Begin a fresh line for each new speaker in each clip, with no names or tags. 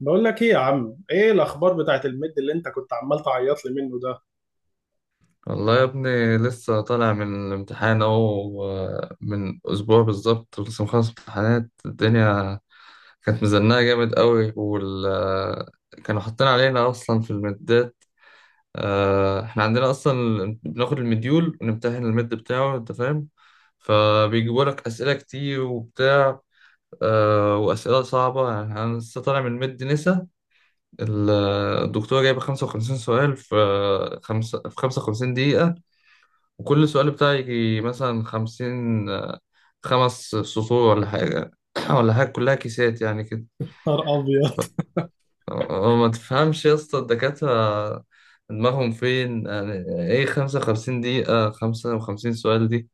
بقول لك ايه يا عم، ايه الاخبار بتاعت الميد اللي انت كنت عمال تعيط لي منه ده؟
والله يا ابني لسه طالع من الامتحان اهو، من اسبوع بالظبط. لسه مخلص امتحانات. الدنيا كانت مزنقه جامد قوي. وال آه، كانوا حاطين علينا اصلا في المدات. احنا عندنا اصلا بناخد المديول ونمتحن المد بتاعه، انت فاهم. فبيجيبوا لك اسئله كتير وبتاع، واسئله صعبه. يعني انا لسه طالع من مد نسا. ال- الدكتوره جايبه 55 سؤال في آه، خمسة في 55 دقيقه، وكل سؤال بتاعي يجي مثلا خمس سطور ولا حاجة. ولا حاجة، كلها كيسات يعني كده.
نهار ابيض.
ف- ما تفهمش يا اسطى. الدكاترة دماغهم فين يعني؟ ايه خمسة وخمسين دقيقة خمسة وخمسين سؤال دي؟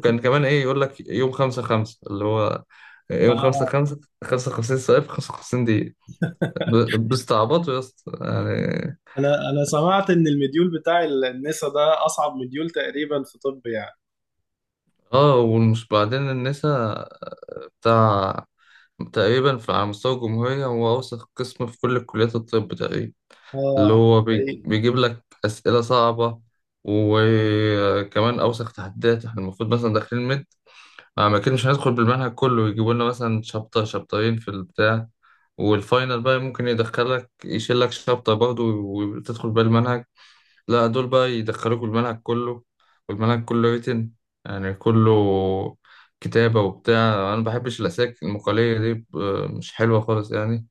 وكان كمان ايه، يقول لك يوم خمسة خمسة، اللي هو يوم خمسة
آه.
خمسة، خمسة وخمسين سؤال في خمسة وخمسين دقيقة. بيستعبطوا يا اسطى يعني.
انا سمعت ان المديول بتاع النسا ده اصعب مديول تقريبا في طب يعني.
اه، ومش بعدين النسا بتاع تقريبا على مستوى الجمهورية هو أوسخ قسم في كل كليات الطب تقريبا. اللي
اه.
هو
إيه،
بيجيب لك أسئلة صعبة. وكمان أوسخ تحديات، احنا المفروض مثلا داخلين مد، ما كناش هندخل بالمنهج كله. يجيبوا لنا مثلا شابتر شابترين في البتاع، والفاينل بقى ممكن يدخلك يشيل لك شابتر برضه وتدخل بالمنهج. لا، دول بقى يدخلوك الملعب كله، والملعب كله ريتن، يعني كله كتابة وبتاع. أنا مبحبش الأساك المقالية دي. مش حلوة خالص يعني.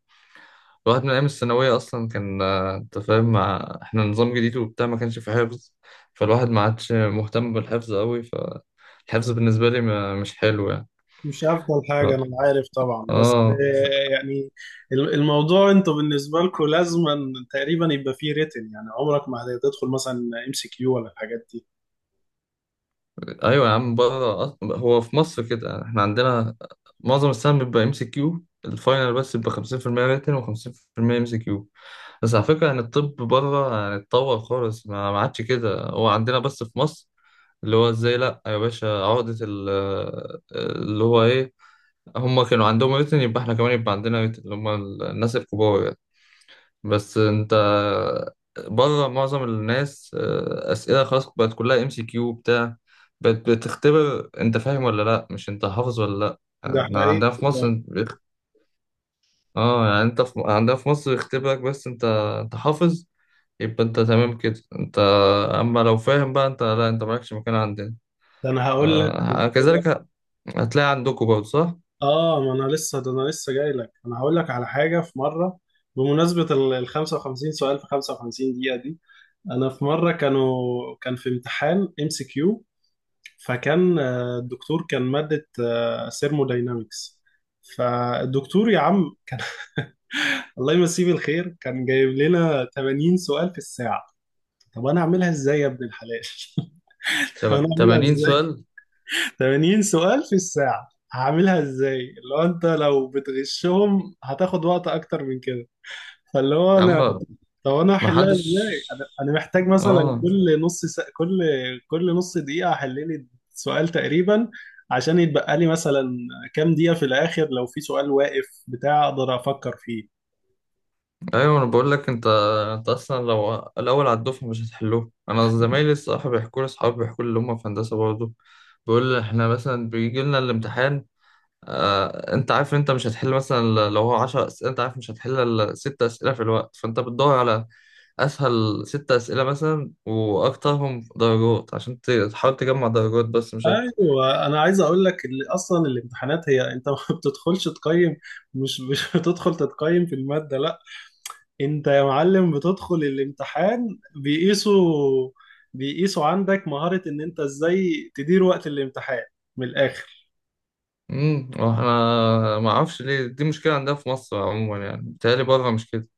الواحد من أيام الثانوية أصلا كان، أنت فاهم، مع إحنا نظام جديد وبتاع ما كانش في حفظ. فالواحد ما عادش مهتم بالحفظ أوي. فالحفظ بالنسبة لي مش حلو يعني.
مش افضل حاجه،
ف-
انا عارف طبعا، بس
آه
يعني الموضوع انتوا بالنسبه لكم لازما تقريبا يبقى فيه ريتن، يعني عمرك ما هتدخل مثلا ام سي كيو ولا الحاجات دي.
ايوه يا عم، بره هو في مصر كده يعني. احنا عندنا معظم السهم بيبقى ام سي كيو. الفاينل بس بيبقى 50% ريتن و50% ام سي كيو. بس على فكره، يعني الطب بره يعني اتطور خالص، ما عادش كده. هو عندنا بس في مصر اللي هو ازاي. لا يا باشا، عقده اللي هو ايه، هم كانوا عندهم ريتن، يبقى احنا كمان يبقى عندنا ريتن، اللي هم الناس الكبار يعني. بس انت بره معظم الناس اسئله خلاص بقت كلها ام سي كيو بتاع. بقت بتختبر انت فاهم ولا لا، مش انت حافظ ولا لا.
ده
احنا
حقيقي.
عندنا في مصر انت اه يعني انت في... عندنا في مصر يختبرك بس انت، انت حافظ يبقى انت تمام كده. انت اما لو فاهم بقى، انت لا، انت مالكش مكان عندنا.
ده انا هقول لك.
آه كذلك ه- هتلاقي عندكم برضه صح.
اه، ما انا لسه، ده انا لسه جاي لك، انا هقول لك على حاجه. في مره، بمناسبه ال 55 سؤال في 55 دقيقه دي، انا في مره كان في امتحان ام سي كيو، فكان آه، الدكتور كان ماده ثيرموداينامكس. فالدكتور يا عم كان الله يمسيه بالخير، كان جايب لنا 80 سؤال في الساعه. طب انا اعملها ازاي يا ابن الحلال؟ انا اعملها
80
ازاي؟
سؤال؟
80 سؤال في الساعة هعملها ازاي؟ اللي هو انت لو بتغشهم هتاخد وقت اكتر من كده. فاللي هو
يا عم
انا طب انا
ما
هحلها
حدش.
ازاي؟ انا محتاج مثلا
اه،
كل نص دقيقة احل لي سؤال تقريبا، عشان يتبقى لي مثلا كام دقيقة في الاخر، لو في سؤال واقف بتاع اقدر افكر فيه.
ايوه انا بقول لك، انت انت اصلا لو الاول على الدفعه مش هتحلوه. انا زمايلي الصراحه بيحكوا لي، اصحابي بيحكوا لي اللي هم في هندسه برضه، بيقول لي احنا مثلا بيجي لنا الامتحان، انت عارف انت مش هتحل مثلا، لو هو 10 اسئله انت عارف مش هتحل الا ست اسئله في الوقت، فانت بتدور على اسهل ست اسئله مثلا واكترهم درجات عشان تحاول تجمع درجات بس، مش اكتر.
ايوه انا عايز اقول لك اللي اصلا الامتحانات، هي انت ما بتدخلش تقيم. مش بتدخل تتقيم في المادة، لا. انت يا معلم بتدخل الامتحان، بيقيسوا عندك مهارة ان انت ازاي تدير وقت الامتحان، من الاخر.
امم، واحنا ما اعرفش ليه دي مشكله عندنا في مصر عموما، يعني بيتهيألي بره مش كده.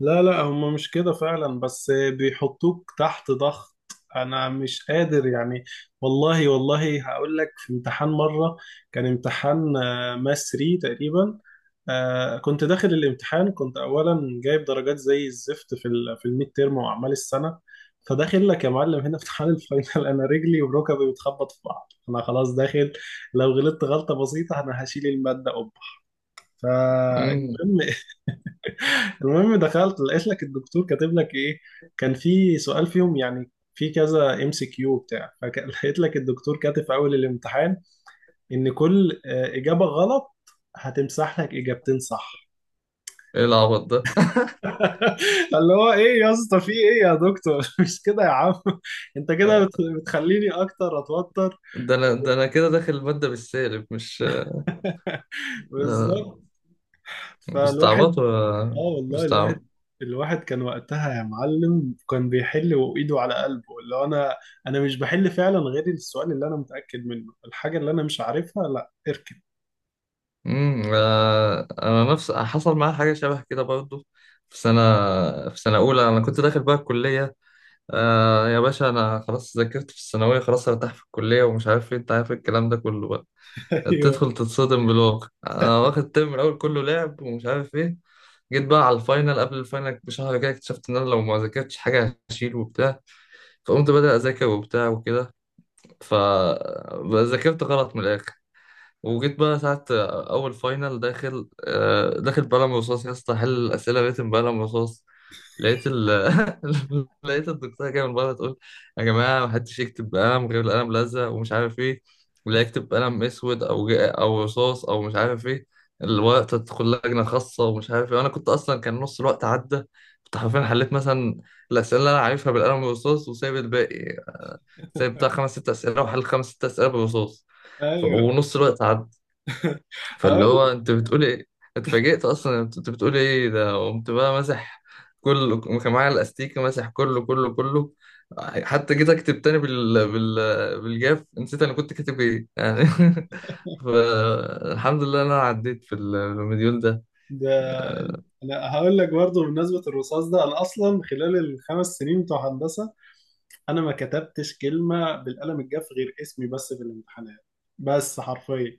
لا، لا، هم مش كده فعلا، بس بيحطوك تحت ضغط، انا مش قادر يعني. والله والله هقول لك. في امتحان مره، كان امتحان ماس 3 تقريبا. كنت داخل الامتحان، كنت اولا جايب درجات زي الزفت في في الميد تيرم واعمال السنه. فداخل لك يا معلم هنا امتحان الفاينل، انا رجلي وركبي بتخبط في بعض، انا خلاص داخل. لو غلطت غلطه بسيطه انا هشيل الماده قبح.
امم،
فالمهم المهم دخلت لقيت لك الدكتور كاتب لك ايه. كان في سؤال فيهم، يعني في كذا ام سي كيو بتاع، فلقيت لك الدكتور كاتب في اول الامتحان ان كل اجابه غلط هتمسح لك اجابتين صح.
ايه العبط
اللي هو ايه يا اسطى، في ايه يا دكتور؟ مش كده يا عم. انت كده
ده؟
بتخليني اكتر اتوتر.
ده انا كده داخل المادة بالسالب، مش آه،
بالظبط. فالواحد
بستعبط
اه
ولا
والله، الواحد،
بستعبط.
كان وقتها يا معلم كان بيحل وايده على قلبه، اللي هو انا، انا مش بحل فعلا غير السؤال اللي انا متاكد منه، الحاجه اللي انا مش عارفها لا اركن.
امم، انا نفس حصل معايا حاجة شبه كده برضو. في سنة في سنة أولى أنا كنت داخل بقى الكلية، آه يا باشا، أنا خلاص ذاكرت في الثانوية خلاص هرتاح في الكلية ومش عارف إيه، أنت عارف الكلام ده كله بقى.
ايوه.
تدخل تتصدم بالواقع. أنا واخد الترم الأول كله لعب ومش عارف إيه، جيت بقى على الفاينل قبل الفاينل بشهر كده اكتشفت إن أنا لو ما ذاكرتش حاجة هشيل وبتاع. فقمت بدأ أذاكر وبتاع وكده. فذاكرت غلط من الآخر. وجيت بقى ساعة أول فاينل، داخل داخل بقلم رصاص يا اسطى. حل الأسئلة ريتم بقلم رصاص. لقيت ال... لقيت الدكتورة جاية من بره تقول: يا جماعة محدش يكتب بقلم غير القلم لزق ومش عارف إيه، اللي يكتب بقلم أسود أو رصاص أو مش عارف إيه الورقة تدخل لجنة خاصة ومش عارف إيه. وأنا كنت أصلا كان نص الوقت عدى. كنت حرفيا حليت مثلا الأسئلة اللي أنا عارفها بالقلم والرصاص، وسايب الباقي. سايب بتاع خمس ست أسئلة، وحل خمس ست أسئلة بالرصاص.
ايوه،
ونص الوقت عدى. فاللي
هقول.
هو انت بتقول ايه، اتفاجئت اصلا انت بتقول ايه ده. قمت بقى مسح كله، كان معايا الاستيكه مسح كله كله كله. حتى جيت اكتب تاني بالجاف نسيت انا كنت كاتب ايه يعني. فالحمد لله إن انا عديت في المديول ده.
ده انا هقول لك برضه بمناسبه الرصاص ده. انا اصلا خلال الخمس سنين بتوع هندسه انا ما كتبتش كلمه بالقلم الجاف غير اسمي بس في الامتحانات، بس حرفيا.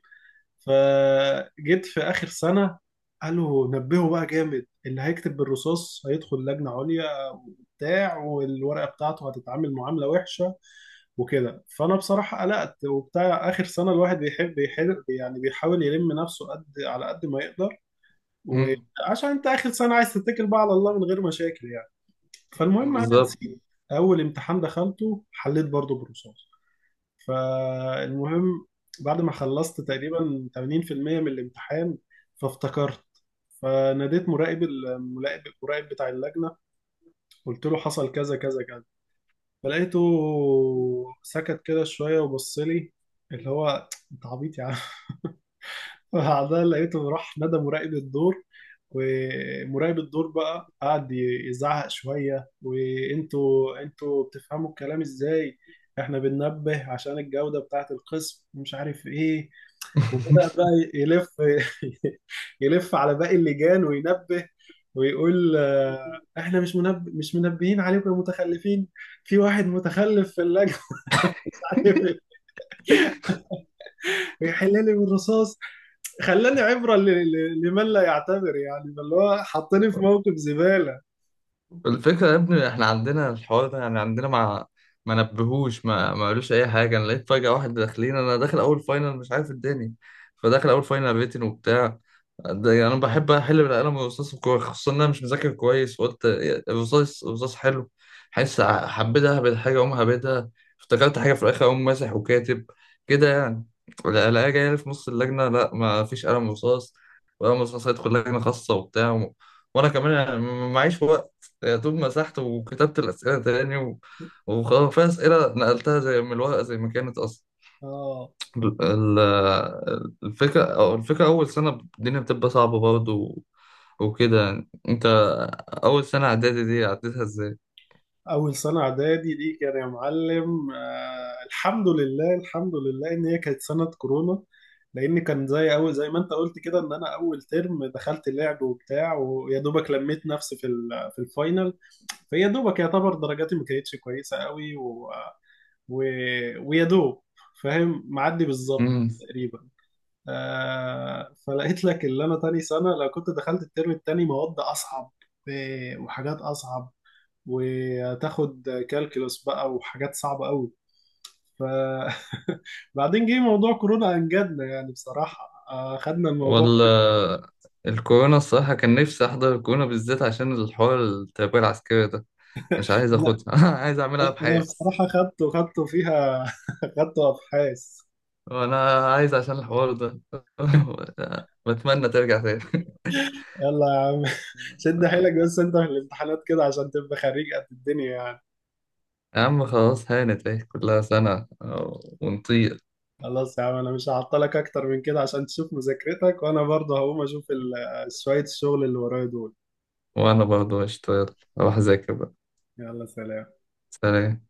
فجيت في آخر سنة، قالوا نبهوا بقى جامد، اللي هيكتب بالرصاص هيدخل لجنة عليا وبتاع، والورقة بتاعته هتتعامل معاملة وحشة وكده. فأنا بصراحة قلقت وبتاع، آخر سنة الواحد يحب يعني بيحاول يلم نفسه قد على قد ما يقدر،
مم.
وعشان أنت آخر سنة عايز تتكل بقى على الله من غير مشاكل يعني. فالمهم أنا
بالظبط.
نسيت. أول امتحان دخلته حليت برضه بالرصاص. فالمهم، بعد ما خلصت تقريبا 80% من الامتحان فافتكرت، فناديت مراقب المراقب المراقب بتاع اللجنة. قلت له حصل كذا كذا كذا. فلقيته سكت كده شوية وبص لي، اللي هو انت عبيط يا عم. بعدها لقيته راح نادى مراقب الدور، ومراقب الدور بقى قعد يزعق شوية. وانتوا بتفهموا الكلام ازاي؟ احنا بننبه عشان الجودة بتاعة القسم، ومش عارف ايه. وبدأ بقى يلف يلف على باقي اللجان وينبه ويقول، احنا مش مش منبهين عليكم يا متخلفين، في واحد متخلف في اللجنة. مش عارف إيه. ويحل لي بالرصاص، خلاني عبرة لمن لا يعتبر يعني، اللي هو حطني في موقف زبالة.
الفكرة يا ابني احنا عندنا الحوار ده، يعني عندنا ما نبهوش، ما قالوش اي حاجة. انا لقيت فجأة واحد داخلين، انا داخل اول فاينل مش عارف الدنيا، فداخل اول فاينل ريتن وبتاع. ده يعني انا بحب احل بالقلم والرصاص والكورة، خصوصا ان انا مش مذاكر كويس. وقلت: الرصاص الرصاص حلو، حاسس حبيت اهبد حاجة اقوم هبدها، افتكرت حاجة في الاخر اقوم ماسح وكاتب كده يعني. الاقيها جاية لي في نص اللجنة: لا ما فيش قلم رصاص، وقلم رصاص هيدخل لجنة خاصة وبتاع. وانا كمان يعني معيش وقت. يا دوب مسحت وكتبت الأسئلة تاني، و... وخلاص في أسئلة نقلتها زي من الورقة زي ما كانت أصلا.
اه.
الفكرة أو الفكرة أول سنة الدنيا بتبقى صعبة برضه و... وكده يعني. أنت أول سنة إعدادي دي عديتها إزاي؟
أول سنة إعدادي دي كان يا معلم، الحمد لله، الحمد لله إن هي كانت سنة كورونا. لأن كان زي، أول زي ما أنت قلت كده، إن أنا أول ترم دخلت لعب وبتاع، ويا دوبك لميت نفسي في في الفاينل. فيا دوبك يعتبر درجاتي ما كانتش كويسة قوي، و... ويا دوب فاهم معدي بالظبط
مم.
تقريبا. فلقيت لك اللي انا تاني سنه، لو كنت دخلت الترم التاني مواد اصعب وحاجات اصعب، وتاخد كالكولس بقى وحاجات صعبه قوي. ف بعدين جه موضوع كورونا انجدنا يعني بصراحه، خدنا الموضوع.
ولا الكورونا الصراحة كان نفسي أحضر الكورونا بالذات عشان الحوار التربية العسكرية ده، مش عايز
انا
أخدها. عايز أعملها
أنا
بحياتي.
بصراحه خدته فيها خدته ابحاث.
وأنا عايز عشان الحوار ده، بتمنى ترجع تاني.
يلا يا عم. شد حيلك بس انت في الامتحانات كده عشان تبقى خريج قد الدنيا يعني.
يا عم خلاص هانت، اهي كلها سنة ونطير.
خلاص يا عم، انا مش هعطلك اكتر من كده عشان تشوف مذاكرتك، وانا برضه هقوم اشوف شوية الشغل اللي ورايا دول.
وأنا برضه هشتغل، أروح أذاكر بقى.
يلا سلام.
سلام.